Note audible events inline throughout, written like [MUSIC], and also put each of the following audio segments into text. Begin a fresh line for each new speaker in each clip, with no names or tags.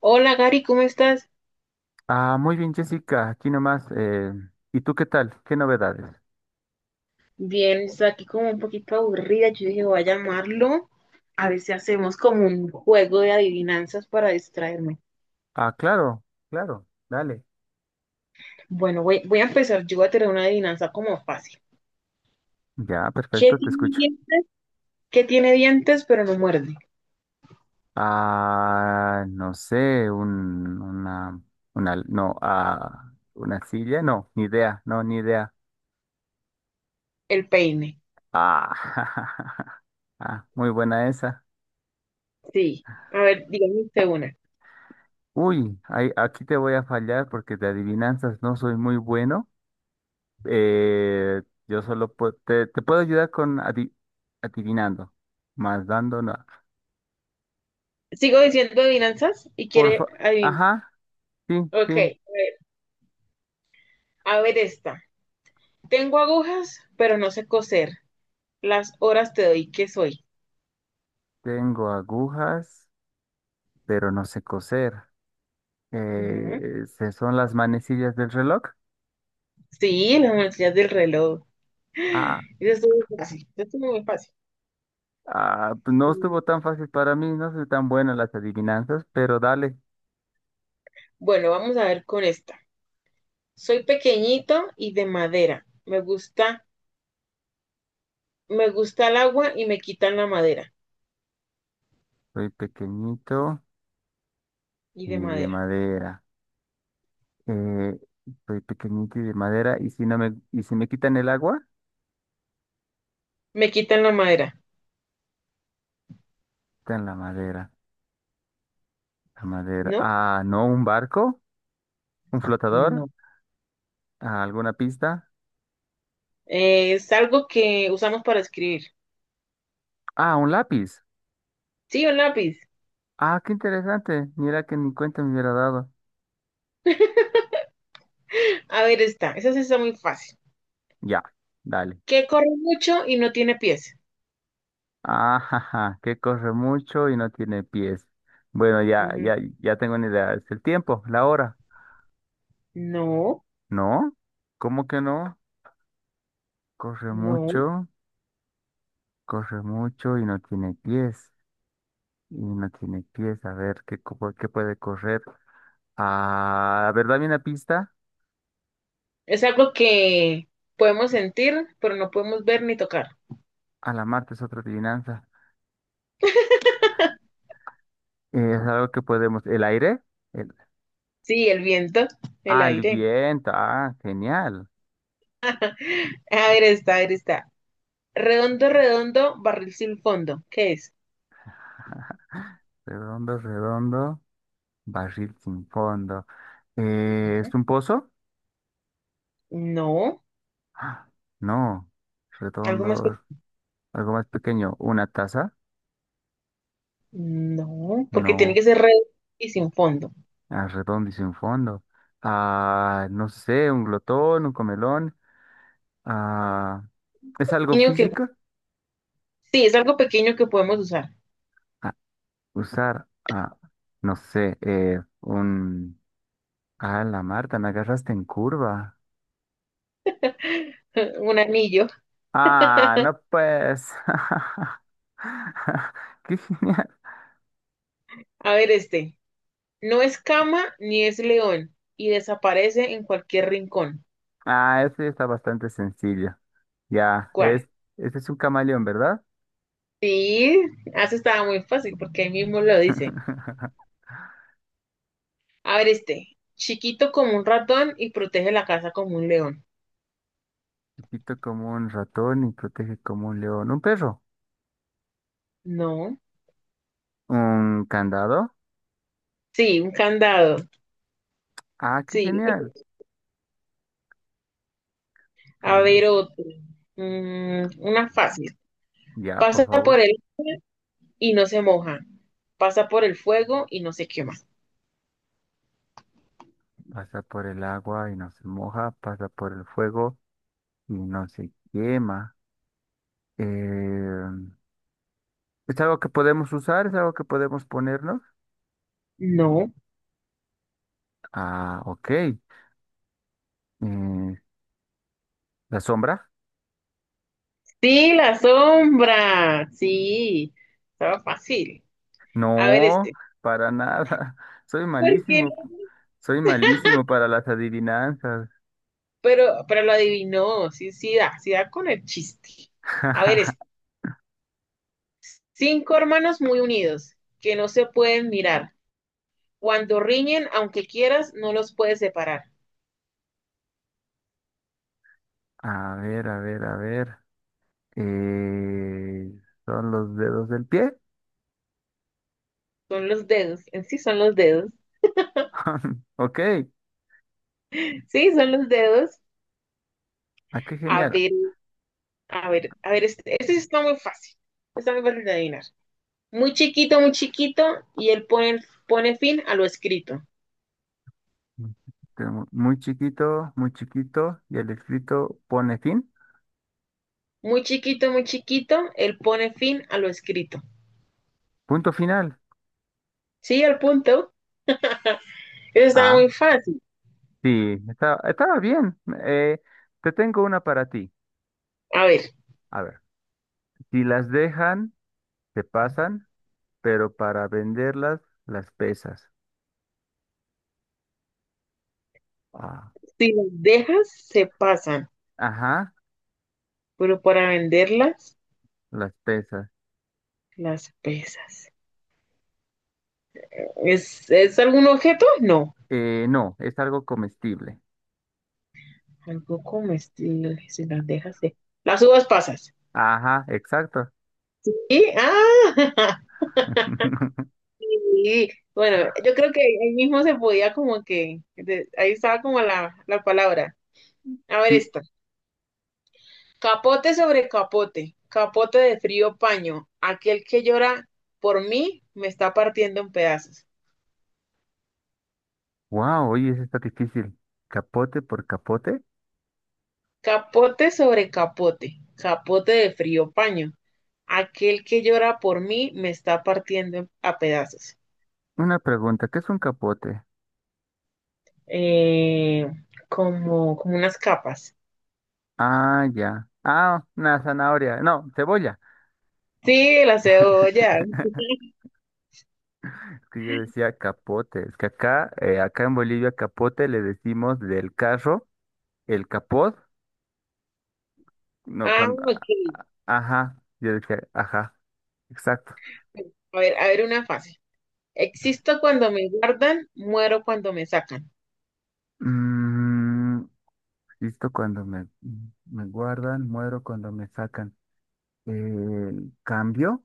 Hola Gary, ¿cómo estás?
Ah, muy bien, Jessica, aquí nomás. ¿Y tú qué tal? ¿Qué novedades?
Bien, estoy aquí como un poquito aburrida. Yo dije, voy a llamarlo a ver si hacemos como un juego de adivinanzas para distraerme.
Ah, claro, claro, dale.
Bueno, voy a empezar. Yo voy a tener una adivinanza como fácil.
Ya,
¿Qué
perfecto, te
tiene
escucho.
dientes? ¿Qué tiene dientes pero no muerde?
Ah, no sé, una, no, ah, una silla, no, ni idea, no, ni idea.
El peine.
Ah, [LAUGHS] ah, muy buena esa.
Sí. A ver, dígame usted una.
Uy, aquí te voy a fallar porque de adivinanzas no soy muy bueno. Eh, yo solo te puedo ayudar con adivinando, más dando, no.
Sigo diciendo adivinanzas y
Por
quiere
fa-
adivinar.
Ajá, sí,
Ok,
sí.
ver, a ver esta. Tengo agujas, pero no sé coser. Las horas te doy, ¿qué soy?
Tengo agujas, pero no sé coser.
Ujú.
¿Se son las manecillas del reloj?
Sí, las manecillas del reloj.
Ah,
Eso estuvo muy fácil. Sí, esto es muy fácil.
ah, pues no
Mm,
estuvo tan fácil para mí, no soy tan bueno en las adivinanzas, pero dale.
Bueno, vamos a ver con esta. Soy pequeñito y de madera. Me gusta el agua y me quitan la madera.
Soy pequeñito
Y
y
de
de
madera.
madera. Eh, Soy pequeñito y de madera, y y si me quitan el agua,
Me quitan la madera.
quitan la madera. La madera.
¿No?
Ah, no, un barco, un flotador,
No.
ah, alguna pista.
Es algo que usamos para escribir.
Ah, un lápiz.
Sí, un lápiz.
Ah, qué interesante. Mira que ni cuenta me hubiera dado.
A ver, esta. Esa sí está muy fácil.
Ya, dale.
Que corre mucho y no tiene pies.
Ajaja, que corre mucho y no tiene pies. Bueno,
Ujú.
ya tengo una idea. Es el tiempo, la hora.
No,
¿No? ¿Cómo que no? Corre
no.
mucho, corre mucho y no tiene pies. Y no tiene pies. A ver, ¿por qué puede correr? Ah, a ver, dame una pista.
Es algo que podemos sentir, pero no podemos ver ni tocar.
A la Marte es otra adivinanza. Es algo que podemos. ¿El aire? El...
Sí, el viento, el
Ah, el
aire.
viento. Ah, genial.
A ver, está. Redondo, redondo, barril sin fondo. ¿Qué es?
Redondo, redondo, barril sin fondo.
Ujú.
¿Es un pozo?
No,
¡Ah! No.
algo más
Redondo,
pequeño.
algo más pequeño. ¿Una taza?
No, porque tiene
No.
que ser redondo y sin fondo.
Ah, redondo y sin fondo. Ah, no sé, un glotón, un comelón. Ah, ¿es algo
Niño que...
físico?
Sí, es algo pequeño que podemos usar.
Ah, usar, ah, no sé, un... Ah, la Marta, me agarraste en curva.
[LAUGHS] Un anillo.
Ah, no pues. [LAUGHS] Qué genial.
A ver, este. No es cama ni es león y desaparece en cualquier rincón.
Ah, ese está bastante sencillo. Ya,
¿Cuál?
es, este es un camaleón, ¿verdad?
Sí, eso estaba muy fácil porque ahí mismo lo dice.
[LAUGHS]
A ver, este. Chiquito como un ratón y protege la casa como un león.
Chiquito como un ratón y protege como un león. ¿Un perro?
No.
¿Un candado?
Sí, un candado.
Ah, qué
Sí.
genial.
A
Candado.
ver otro. Mm, una fácil.
Ya, por
Pasa
favor.
por él y no se moja. Pasa por el fuego y no se quema.
Pasa por el agua y no se moja. Pasa por el fuego y no se quema. Eh, ¿Es algo que podemos usar? ¿Es algo que podemos ponernos?
No.
Ah, ok. ¿La sombra?
Sí, la sombra. Sí. Estaba fácil. A ver
No,
este.
para nada. [LAUGHS] Soy
¿Por qué
malísimo.
no?
Soy malísimo para las adivinanzas.
Pero lo adivinó. Sí, sí da. Sí da con el chiste. A ver este.
[LAUGHS]
Cinco hermanos muy unidos que no se pueden mirar. Cuando riñen, aunque quieras, no los puedes separar.
A ver, a ver, a ver. Eh, ¿Son los dedos del pie?
Son los dedos, en sí son los dedos.
[LAUGHS] Ok.
Sí, son los dedos.
Ah, qué
A
genial.
ver, a ver, este está muy fácil. Está muy fácil de adivinar. Muy chiquito, pone fin a lo escrito.
Tengo muy chiquito, muy chiquito. Y el escrito pone fin.
Muy chiquito, él pone fin a lo escrito.
Punto final.
Sí, al punto. Eso está
Ah,
muy fácil.
sí. Estaba bien. Eh, Te tengo una para ti.
A ver,
A ver. Si las dejan, se pasan. Pero para venderlas, las pesas. Ah,
si las dejas, se pasan,
ajá,
pero para venderlas,
las pesas.
las pesas. ¿Es algún objeto? No.
No, es algo comestible.
Algo comestible, si las dejas, se... Las uvas pasas.
Ajá, exacto.
Y, ah, [LAUGHS]
[LAUGHS]
yo creo que ahí mismo se podía como que, de- ahí estaba como la palabra. A ver
Sí,
esta. Capote sobre capote, capote de frío paño. Aquel que llora por mí me está partiendo en pedazos.
wow, oye, eso está difícil. ¿Capote por capote?
Capote sobre capote, capote de frío paño. Aquel que llora por mí me está partiendo a pedazos.
Una pregunta, ¿qué es un capote?
Eh, como, como unas capas.
Ah, ya. Ah, una zanahoria. No, cebolla.
Sí, la cebolla.
[LAUGHS] Es que yo decía capote. Es que acá, acá en Bolivia, capote le decimos del carro, el capot. No,
Ah,
cuando.
ok.
Ajá, yo decía, ajá, exacto.
A ver una fácil. Existo cuando me guardan, muero cuando me sacan.
Mm, listo cuando me, me guardan, muero cuando me sacan. El cambio,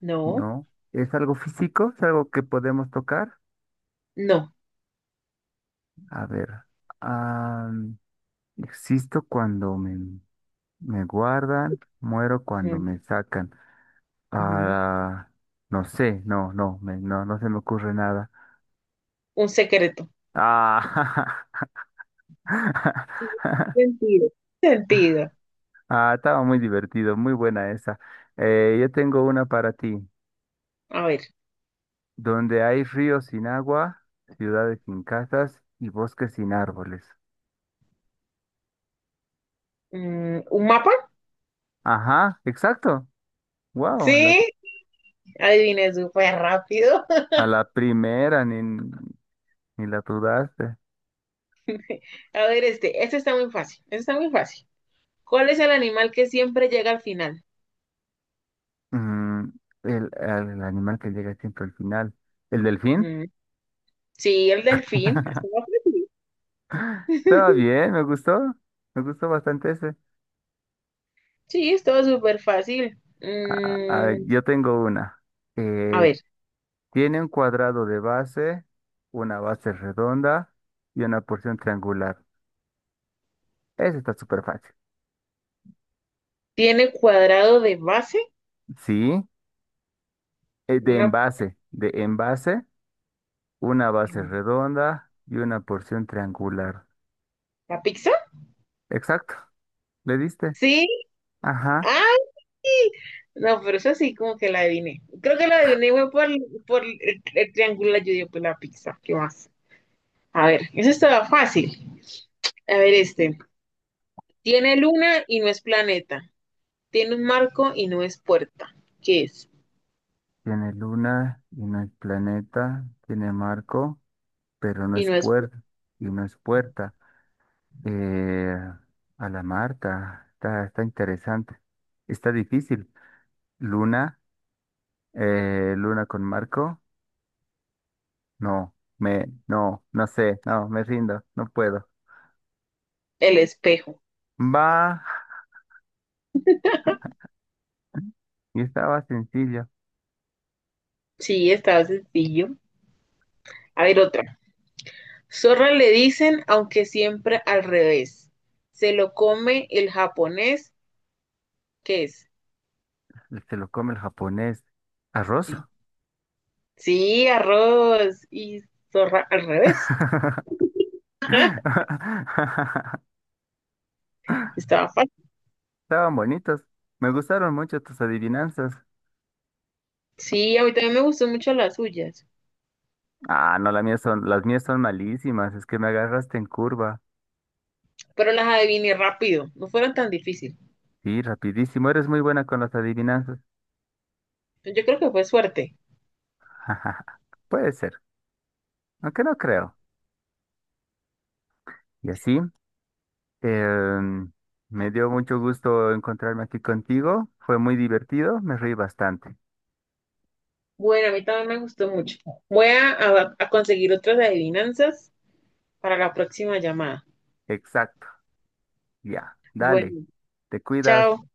No,
¿no? ¿Es algo físico? ¿Es algo que podemos tocar?
no.
A ver. Ah, existo cuando me, me guardan, muero cuando
Mm,
me sacan.
ujú.
Ah, no sé, no, no se me ocurre nada.
Un secreto.
Ah, [LAUGHS]
Sí, Sentido. Sentido.
ah, estaba muy divertido, muy buena esa. Yo tengo una para ti.
A ver.
Donde hay ríos sin agua, ciudades sin casas y bosques sin árboles.
Mm, ¿Un mapa?
Ajá, exacto. Wow,
Sí, adiviné súper rápido.
a la primera ni la dudaste.
[LAUGHS] A ver, este está muy fácil. Este está muy fácil. ¿Cuál es el animal que siempre llega al final?
Mm, el animal que llega siempre al final. ¿El delfín?
Mm, sí, el delfín. Estaba
[LAUGHS]
fácil.
Estaba
[LAUGHS]
bien, me gustó. Me gustó bastante ese.
Sí, es todo súper fácil.
A ver,
Mm,
yo tengo una.
a
Eh,
ver,
Tiene un cuadrado de base, una base redonda y una porción triangular. Ese está súper fácil.
tiene cuadrado de base.
Sí,
Una,
de envase, una base
em,
redonda y una porción triangular.
¿la pizza?
Exacto, le diste.
Sí.
Ajá,
¡Ay! No, pero eso sí, como que la adiviné. Creo que la adiviné fue por el triángulo, yo digo, pues la pizza. ¿Qué más? A ver, eso estaba fácil. A ver, este. Tiene luna y no es planeta. Tiene un marco y no es puerta. ¿Qué es?
tiene luna y no es planeta, tiene marco, pero no
Y
es
no es
puerta y no es puerta. Eh, a la Marta, está, está interesante. Está difícil. Luna, luna con marco, no, no sé, no, me rindo, no puedo.
el espejo.
Va, y estaba sencillo.
Sí, estaba sencillo. A ver, otra. Zorra le dicen, aunque siempre al revés. Se lo come el japonés. ¿Qué es?
El que lo come el japonés. ¿Arroz?
Sí. Sí, arroz y zorra al revés.
[LAUGHS]
Estaba fácil.
Estaban bonitos. Me gustaron mucho tus adivinanzas.
Sí, a mí también me gustó mucho las suyas,
Ah, no, las mías son malísimas. Es que me agarraste en curva.
pero las adiviné rápido, no fueron tan difíciles.
Sí, rapidísimo. Eres muy buena con las adivinanzas.
Yo creo que fue suerte.
[LAUGHS] Puede ser, aunque no creo. Y así, em, me dio mucho gusto encontrarme aquí contigo. Fue muy divertido. Me reí bastante.
Bueno, a mí también me gustó mucho. Voy a conseguir otras adivinanzas para la próxima llamada.
Exacto. Ya, dale.
Bueno,
Te cuidas.
chao.